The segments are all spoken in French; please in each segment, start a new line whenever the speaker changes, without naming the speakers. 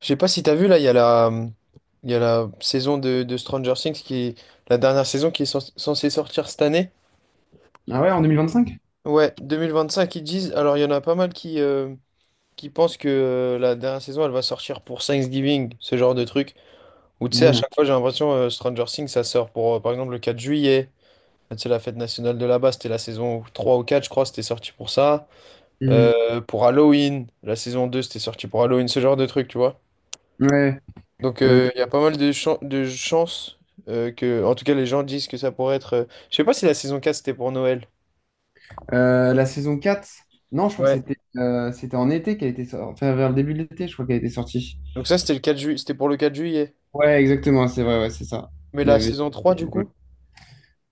Je sais pas si t'as vu là, il y a la saison de Stranger Things la dernière saison qui est censée sortir cette année.
Ah ouais, en 2025?
Ouais, 2025 ils disent. Alors il y en a pas mal qui pensent que la dernière saison elle va sortir pour Thanksgiving, ce genre de truc. Ou tu sais, à
Mmh,
chaque fois j'ai l'impression, Stranger Things ça sort pour, par exemple le 4 juillet. C'est la fête nationale de là-bas, c'était la saison 3 ou 4 je crois, c'était sorti pour ça. Mm.
mmh.
Pour Halloween, la saison 2 c'était sorti pour Halloween, ce genre de truc, tu vois.
Ouais.
Donc
Euh,
il y a pas mal de chances, que, en tout cas, les gens disent que ça pourrait être. Je sais pas si la saison quatre c'était pour Noël.
la saison 4 non, je crois que
Ouais.
c'était c'était en été qu'elle était sortie. Enfin, vers le début de l'été, je crois qu'elle était sortie.
Donc ça c'était le 4 juillet, c'était pour le 4 juillet.
Ouais, exactement, c'est vrai, ouais, c'est ça.
Mais
Il y
la
avait.
saison trois du coup?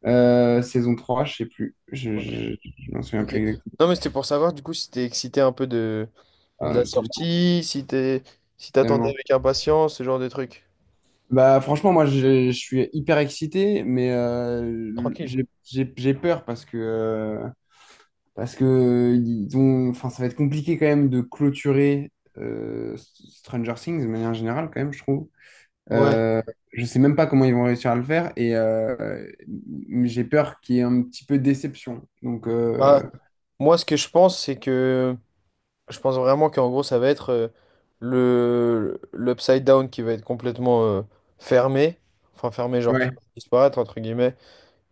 Saison 3 je sais plus.
Ok.
Je m'en souviens
Ok.
plus exactement.
Non mais c'était pour savoir du coup si t'es excité un peu de la
Ah, tellement.
sortie, si t'attendais
Tellement.
avec impatience, ce genre de trucs.
Bah, franchement, moi, je suis hyper excité, mais
Tranquille.
j'ai peur parce que ils ont, enfin, ça va être compliqué quand même de clôturer euh, Stranger Things de manière générale, quand même, je trouve.
Ouais.
Euh, je sais même pas comment ils vont réussir à le faire et j'ai peur qu'il y ait un petit peu de déception.
Bah, moi ce que je pense c'est que je pense vraiment qu'en gros, ça va être, le l'upside down qui va être complètement, fermé. Enfin, fermé, genre qui va
Ouais,
disparaître, entre guillemets.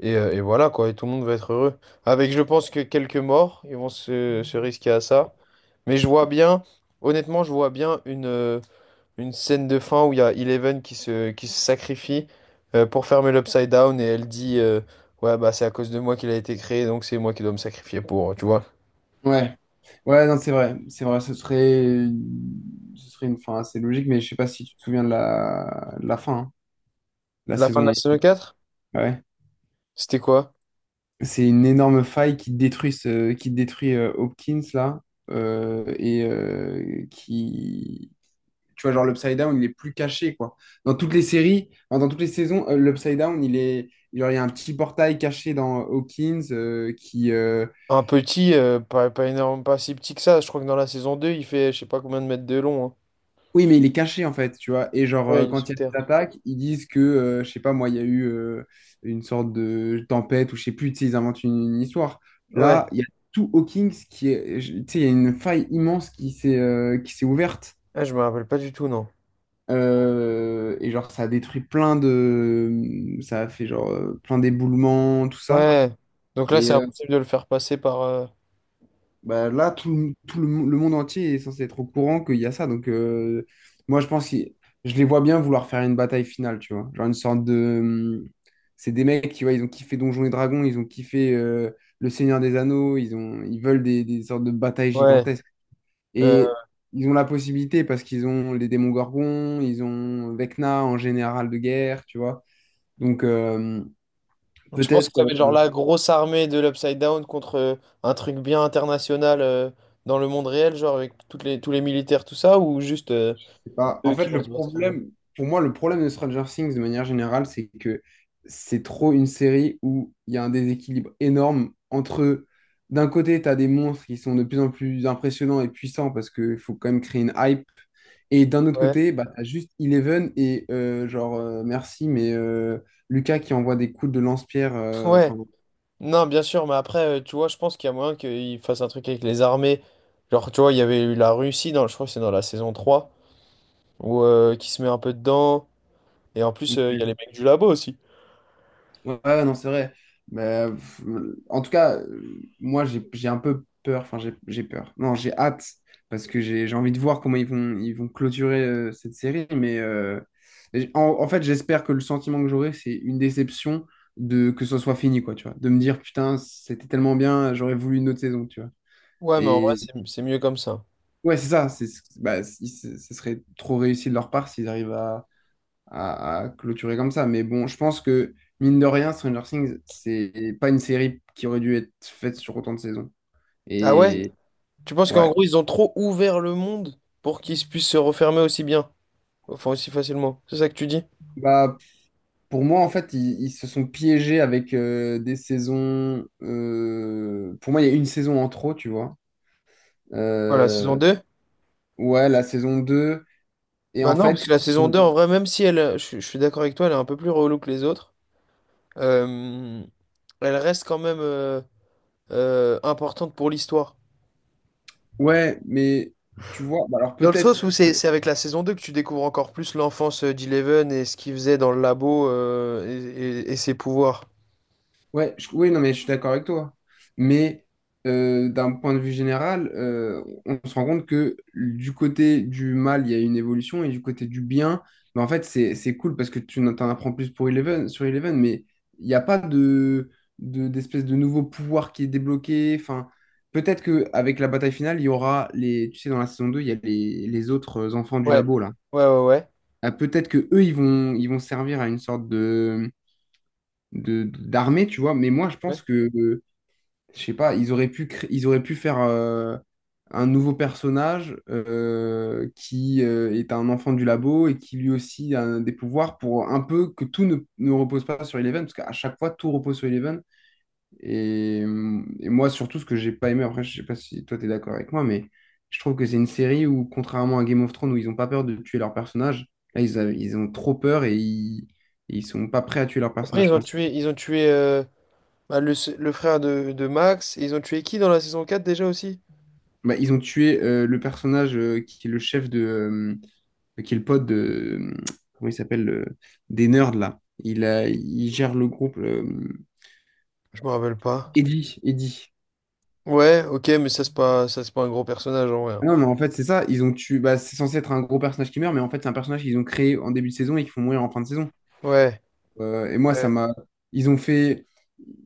Et voilà, quoi. Et tout le monde va être heureux. Avec, je pense, que quelques morts, ils vont se risquer à ça. Mais je vois bien, honnêtement, je vois bien une scène de fin où il y a Eleven qui se sacrifie, pour fermer l'upside down. Et elle dit, ouais, bah, c'est à cause de moi qu'il a été créé, donc c'est moi qui dois me sacrifier pour, tu vois.
ouais, ouais, non, c'est vrai, ce serait une fin assez logique, mais je sais pas si tu te souviens de la fin, hein, de la
La fin de la
saison.
saison 4
Ouais.
c'était quoi?
C'est une énorme faille qui qui détruit Hopkins là et qui tu vois genre l'Upside Down il est plus caché quoi. Dans toutes les séries, enfin, dans toutes les saisons, l'Upside Down il est genre, il y a un petit portail caché dans Hawkins
Un petit, pas, pas énorme, pas si petit que ça. Je crois que dans la saison 2, il fait je sais pas combien de mètres de long, hein.
oui, mais il est caché en fait, tu vois. Et genre,
Ouais, il est
quand
sous
il y a
terre.
des attaques, ils disent que, je sais pas, moi, il y a eu une sorte de tempête ou je sais plus, tu sais, ils inventent une histoire. Là,
Ouais,
il y a tout Hawkins qui est, je- tu sais, il y a une faille immense qui s'est ouverte.
ah, je me rappelle pas du tout, non.
Et genre, ça a détruit plein de. Ça a fait genre plein d'éboulements, tout ça.
Ouais. Donc là,
Et,
c'est
euh,
impossible de le faire passer par.
Bah, là, tout, le, le monde entier est censé être au courant qu'il y a ça. Moi, je pense que je les vois bien vouloir faire une bataille finale, tu vois. Genre une sorte de hum, c'est des mecs, tu vois, ils ont kiffé Donjons et Dragons, ils ont kiffé Le Seigneur des Anneaux, ils ont, ils veulent des sortes de batailles
Ouais.
gigantesques.
Euh,
Et ils ont la possibilité parce qu'ils ont les démons gorgons, ils ont Vecna en général de guerre, tu vois. Donc, euh,
Tu penses
Peut-être
que ça va être genre la grosse armée de l'Upside Down contre, un truc bien international, dans le monde réel, genre avec tous les militaires, tout ça, ou juste,
bah, en
eux qui
fait,
vont
le
se battre quand même?
problème, pour moi, le problème de Stranger Things de manière générale, c'est que c'est trop une série où il y a un déséquilibre énorme entre, d'un côté, tu as des monstres qui sont de plus en plus impressionnants et puissants parce qu'il faut quand même créer une hype, et d'un autre
Ouais.
côté, bah, tu as juste Eleven et genre, merci, Lucas qui envoie des coups de lance-pierre,
Ouais.
enfin,
Non, bien sûr, mais après, tu vois, je pense qu'il y a moyen qu'ils fassent un truc avec les armées. Genre, tu vois, il y avait eu la Russie, dans, je crois que c'est dans la saison 3, où, qui se met un peu dedans. Et en plus, il y a les mecs du labo aussi.
ouais, ouais, non, c'est vrai. Pff, en tout cas, moi, j'ai un peu peur. Enfin, j'ai peur. Non, j'ai hâte parce que j'ai envie de voir comment ils vont clôturer cette série. En, en fait, j'espère que le sentiment que j'aurai, c'est une déception de que ce soit fini, quoi, tu vois. De me dire, putain, c'était tellement bien, j'aurais voulu une autre saison, tu vois.
Ouais, mais en vrai,
Et
c'est mieux comme ça.
ouais, c'est ça. Bah, ce serait trop réussi de leur part s'ils arrivent à à clôturer comme ça. Mais bon, je pense que, mine de rien, Stranger Things, c'est pas une série qui aurait dû être faite sur autant de saisons.
Ah ouais?
Et
Tu penses
ouais.
qu'en gros, ils ont trop ouvert le monde pour qu'ils puissent se refermer aussi bien, enfin aussi facilement. C'est ça que tu dis?
Bah, pour moi, en fait, ils se sont piégés avec des saisons. Pour moi, il y a une saison en trop, tu vois.
Voilà, la saison
Euh,
2.
Ouais, la saison 2. Et
Bah
en
non, parce
fait,
que la saison
euh,
2, en vrai, même si elle, je suis d'accord avec toi, elle est un peu plus relou que les autres, euh, elle reste quand même. Importante pour l'histoire.
ouais, mais tu vois, bah alors
Dans le
peut-être.
sens où c'est avec la saison 2 que tu découvres encore plus l'enfance, d'Eleven et ce qu'il faisait dans le labo, et, et ses pouvoirs.
Ouais, je- oui, non, mais je suis d'accord avec toi. Mais D'un point de vue général, on se rend compte que du côté du mal, il y a une évolution et du côté du bien, mais en fait, c'est cool parce que tu en t'en apprends plus pour Eleven, sur Eleven, mais il n'y a pas d'espèce de nouveau pouvoir qui est débloqué. Enfin, peut-être qu'avec la bataille finale, il y aura les, tu sais, dans la saison 2 il y a les autres enfants du
Ouais,
labo, là.
ouais, ouais, ouais.
Ah, peut-être que eux, ils vont servir à une sorte de d'armée, tu vois. Mais moi, je
Ouais.
pense que je sais pas, ils auraient pu, ils auraient pu faire un nouveau personnage qui est un enfant du labo et qui lui aussi a des pouvoirs pour un peu que tout ne repose pas sur Eleven, parce qu'à chaque fois, tout repose sur Eleven. Et moi, surtout, ce que j'ai pas aimé, après, je sais pas si toi, tu es d'accord avec moi, mais je trouve que c'est une série où, contrairement à Game of Thrones, où ils ont pas peur de tuer leur personnage, là, ils ont trop peur et ils sont pas prêts à tuer leur
Après,
personnage
ils ont
principal.
tué, ils ont tué bah, le frère de Max, et ils ont tué qui dans la saison 4 déjà aussi?
Bah, ils ont tué le personnage qui est le chef de. Qui est le pote de. euh, Comment il s'appelle des nerds, là. Il, a, il gère le groupe.
Je me rappelle pas.
Eddie. Eddie.
Ouais, ok, mais ça, c'est pas un gros personnage en vrai,
Ah
hein.
non, mais en fait, c'est ça. Ils ont tué. Bah, c'est censé être un gros personnage qui meurt, mais en fait, c'est un personnage qu'ils ont créé en début de saison et qu'ils font mourir en fin de saison.
Ouais.
Et moi, ça
Ouais.
m'a. Ils ont fait.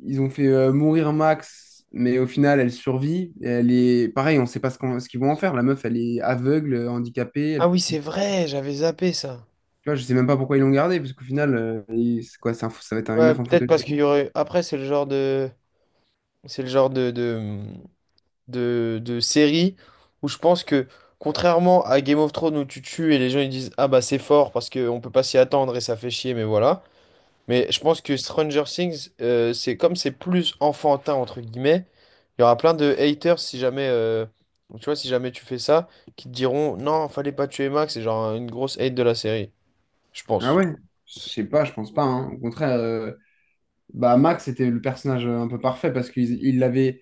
Ils ont fait mourir Max, mais au final, elle survit. Et elle est. Pareil, on sait pas ce ce qu'ils vont en faire. La meuf, elle est aveugle, handicapée, elle
Ah oui,
peut
c'est vrai, j'avais zappé ça.
tu vois, je sais même pas pourquoi ils l'ont gardé, parce qu'au final, c'est quoi, c'est ça va être une
Ouais,
meuf en
peut-être
fauteuil
parce qu'il y
roulant.
aurait. Après, c'est le genre de. C'est le genre de séries où je pense que, contrairement à Game of Thrones où tu tues et les gens ils disent ah bah c'est fort parce qu'on peut pas s'y attendre et ça fait chier, mais voilà. Mais je pense que Stranger Things, c'est comme c'est plus enfantin entre guillemets, il y aura plein de haters si jamais, tu vois, si jamais tu fais ça, qui te diront non, fallait pas tuer Max, c'est genre une grosse hate de la série, je
Ah
pense.
ouais? Je sais pas, je pense pas, hein. Au contraire, bah Max était le personnage un peu parfait parce qu'ils il l'avait.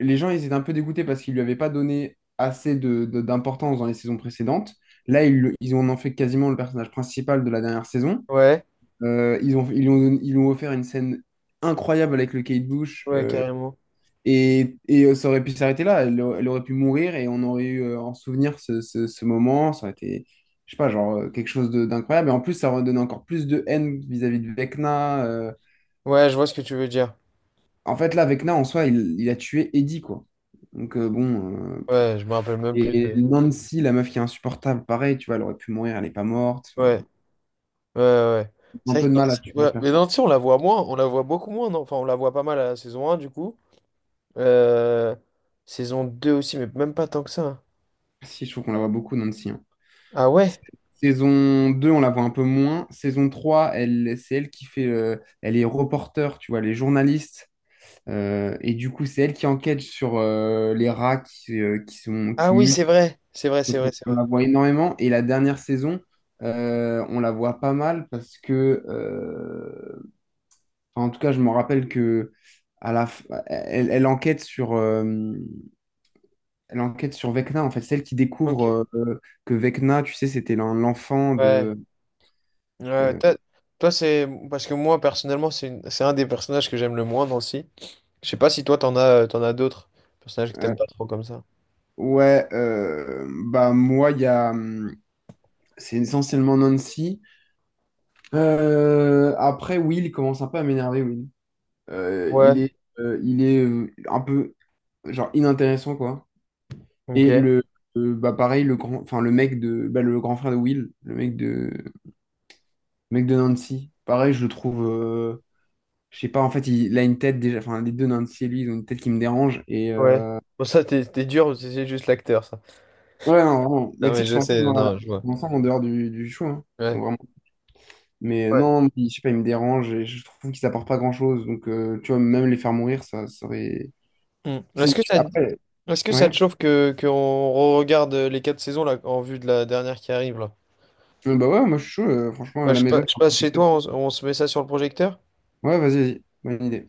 Les gens, ils étaient un peu dégoûtés parce qu'ils lui avaient pas donné assez de, d'importance dans les saisons précédentes. Là, ils en ont fait quasiment le personnage principal de la dernière saison.
Ouais,
Ils ont, ils lui ont, ils lui ont offert une scène incroyable avec le Kate Bush.
ouais, carrément.
Et, ça aurait pu s'arrêter là. Elle, elle aurait pu mourir et on aurait eu en souvenir ce, ce moment. Ça aurait été, je sais pas, genre quelque chose de- d'incroyable. Et en plus, ça aurait donné encore plus de haine vis-à-vis de Vecna.
Ouais, je vois ce que tu veux dire.
En fait, là, Vecna, en soi, il a tué Eddie, quoi. Bon.
Ouais, je me rappelle même plus
Et
de.
Nancy, la meuf qui est insupportable, pareil, tu vois, elle aurait pu mourir, elle n'est pas morte. Enfin,
Ouais. Ouais, ouais, ouais.
un
C'est
peu
vrai
de
que
mal à
Nancy,
tuer la
ouais, mais
personne.
Nancy, on la voit moins, on la voit beaucoup moins, non? Enfin, on la voit pas mal à la saison un du coup. Euh, Saison 2 aussi, mais même pas tant que ça, hein.
Si, je trouve qu'on la voit beaucoup, Nancy, hein.
Ah ouais?
Saison 2, on la voit un peu moins. Saison 3, elle, c'est elle qui fait. Elle est reporter, tu vois, elle est journaliste. Et du coup, c'est elle qui enquête sur les rats qui sont,
Ah
qui
oui,
mutent.
c'est vrai, c'est vrai, c'est vrai, c'est
On
vrai.
la voit énormément. Et la dernière saison, on la voit pas mal parce que. Enfin, en tout cas, je me rappelle que. À la f- elle, elle enquête sur Vecna, en fait, celle qui
Ok,
découvre que Vecna, tu sais, c'était l'enfant
ouais.
de,
Ouais,
euh,
toi, c'est. Parce que moi, personnellement, c'est un des personnages que j'aime le moins, Nancy. Je sais pas si toi, t'en as d'autres personnages que t'aimes pas trop comme ça.
ouais, bah moi, il y a, c'est essentiellement Nancy. Après, Will il commence un peu à m'énerver, Will. Euh, il
Ouais,
est, il est un peu genre inintéressant quoi.
ok,
Et le, bah pareil, le grand, enfin le mec de, bah, le grand frère de Will, le mec de Nancy. Pareil, je le trouve, je sais pas, en fait, il a une tête déjà, enfin les deux Nancy et lui, ils ont une tête qui me dérange.
ouais. Bon, ça, t'es dur, c'est juste l'acteur, ça.
Ouais, non, vraiment. Mais
Non,
tu sais
mais
qu'ils
je
sont ensemble,
sais, non, je
ils
vois.
sont ensemble en dehors du show, hein. Ils sont
Ouais.
vraiment
Ouais.
non, je sais pas, il me dérange et je trouve qu'ils apportent pas grand-chose. Tu vois, même les faire mourir, ça serait
Hmm. Est-ce que ça,
Après,
est-ce que ça te
ouais.
chauffe que qu'on regarde les quatre saisons là en vue de la dernière qui arrive là?
Bah ouais, moi je suis chaud, franchement, à
Bah,
la
je,
maison
pa- je
c'est un peu
passe
plus
chez
clair.
toi, on, on se met ça sur le projecteur?
Ouais, vas-y, vas-y, bonne idée.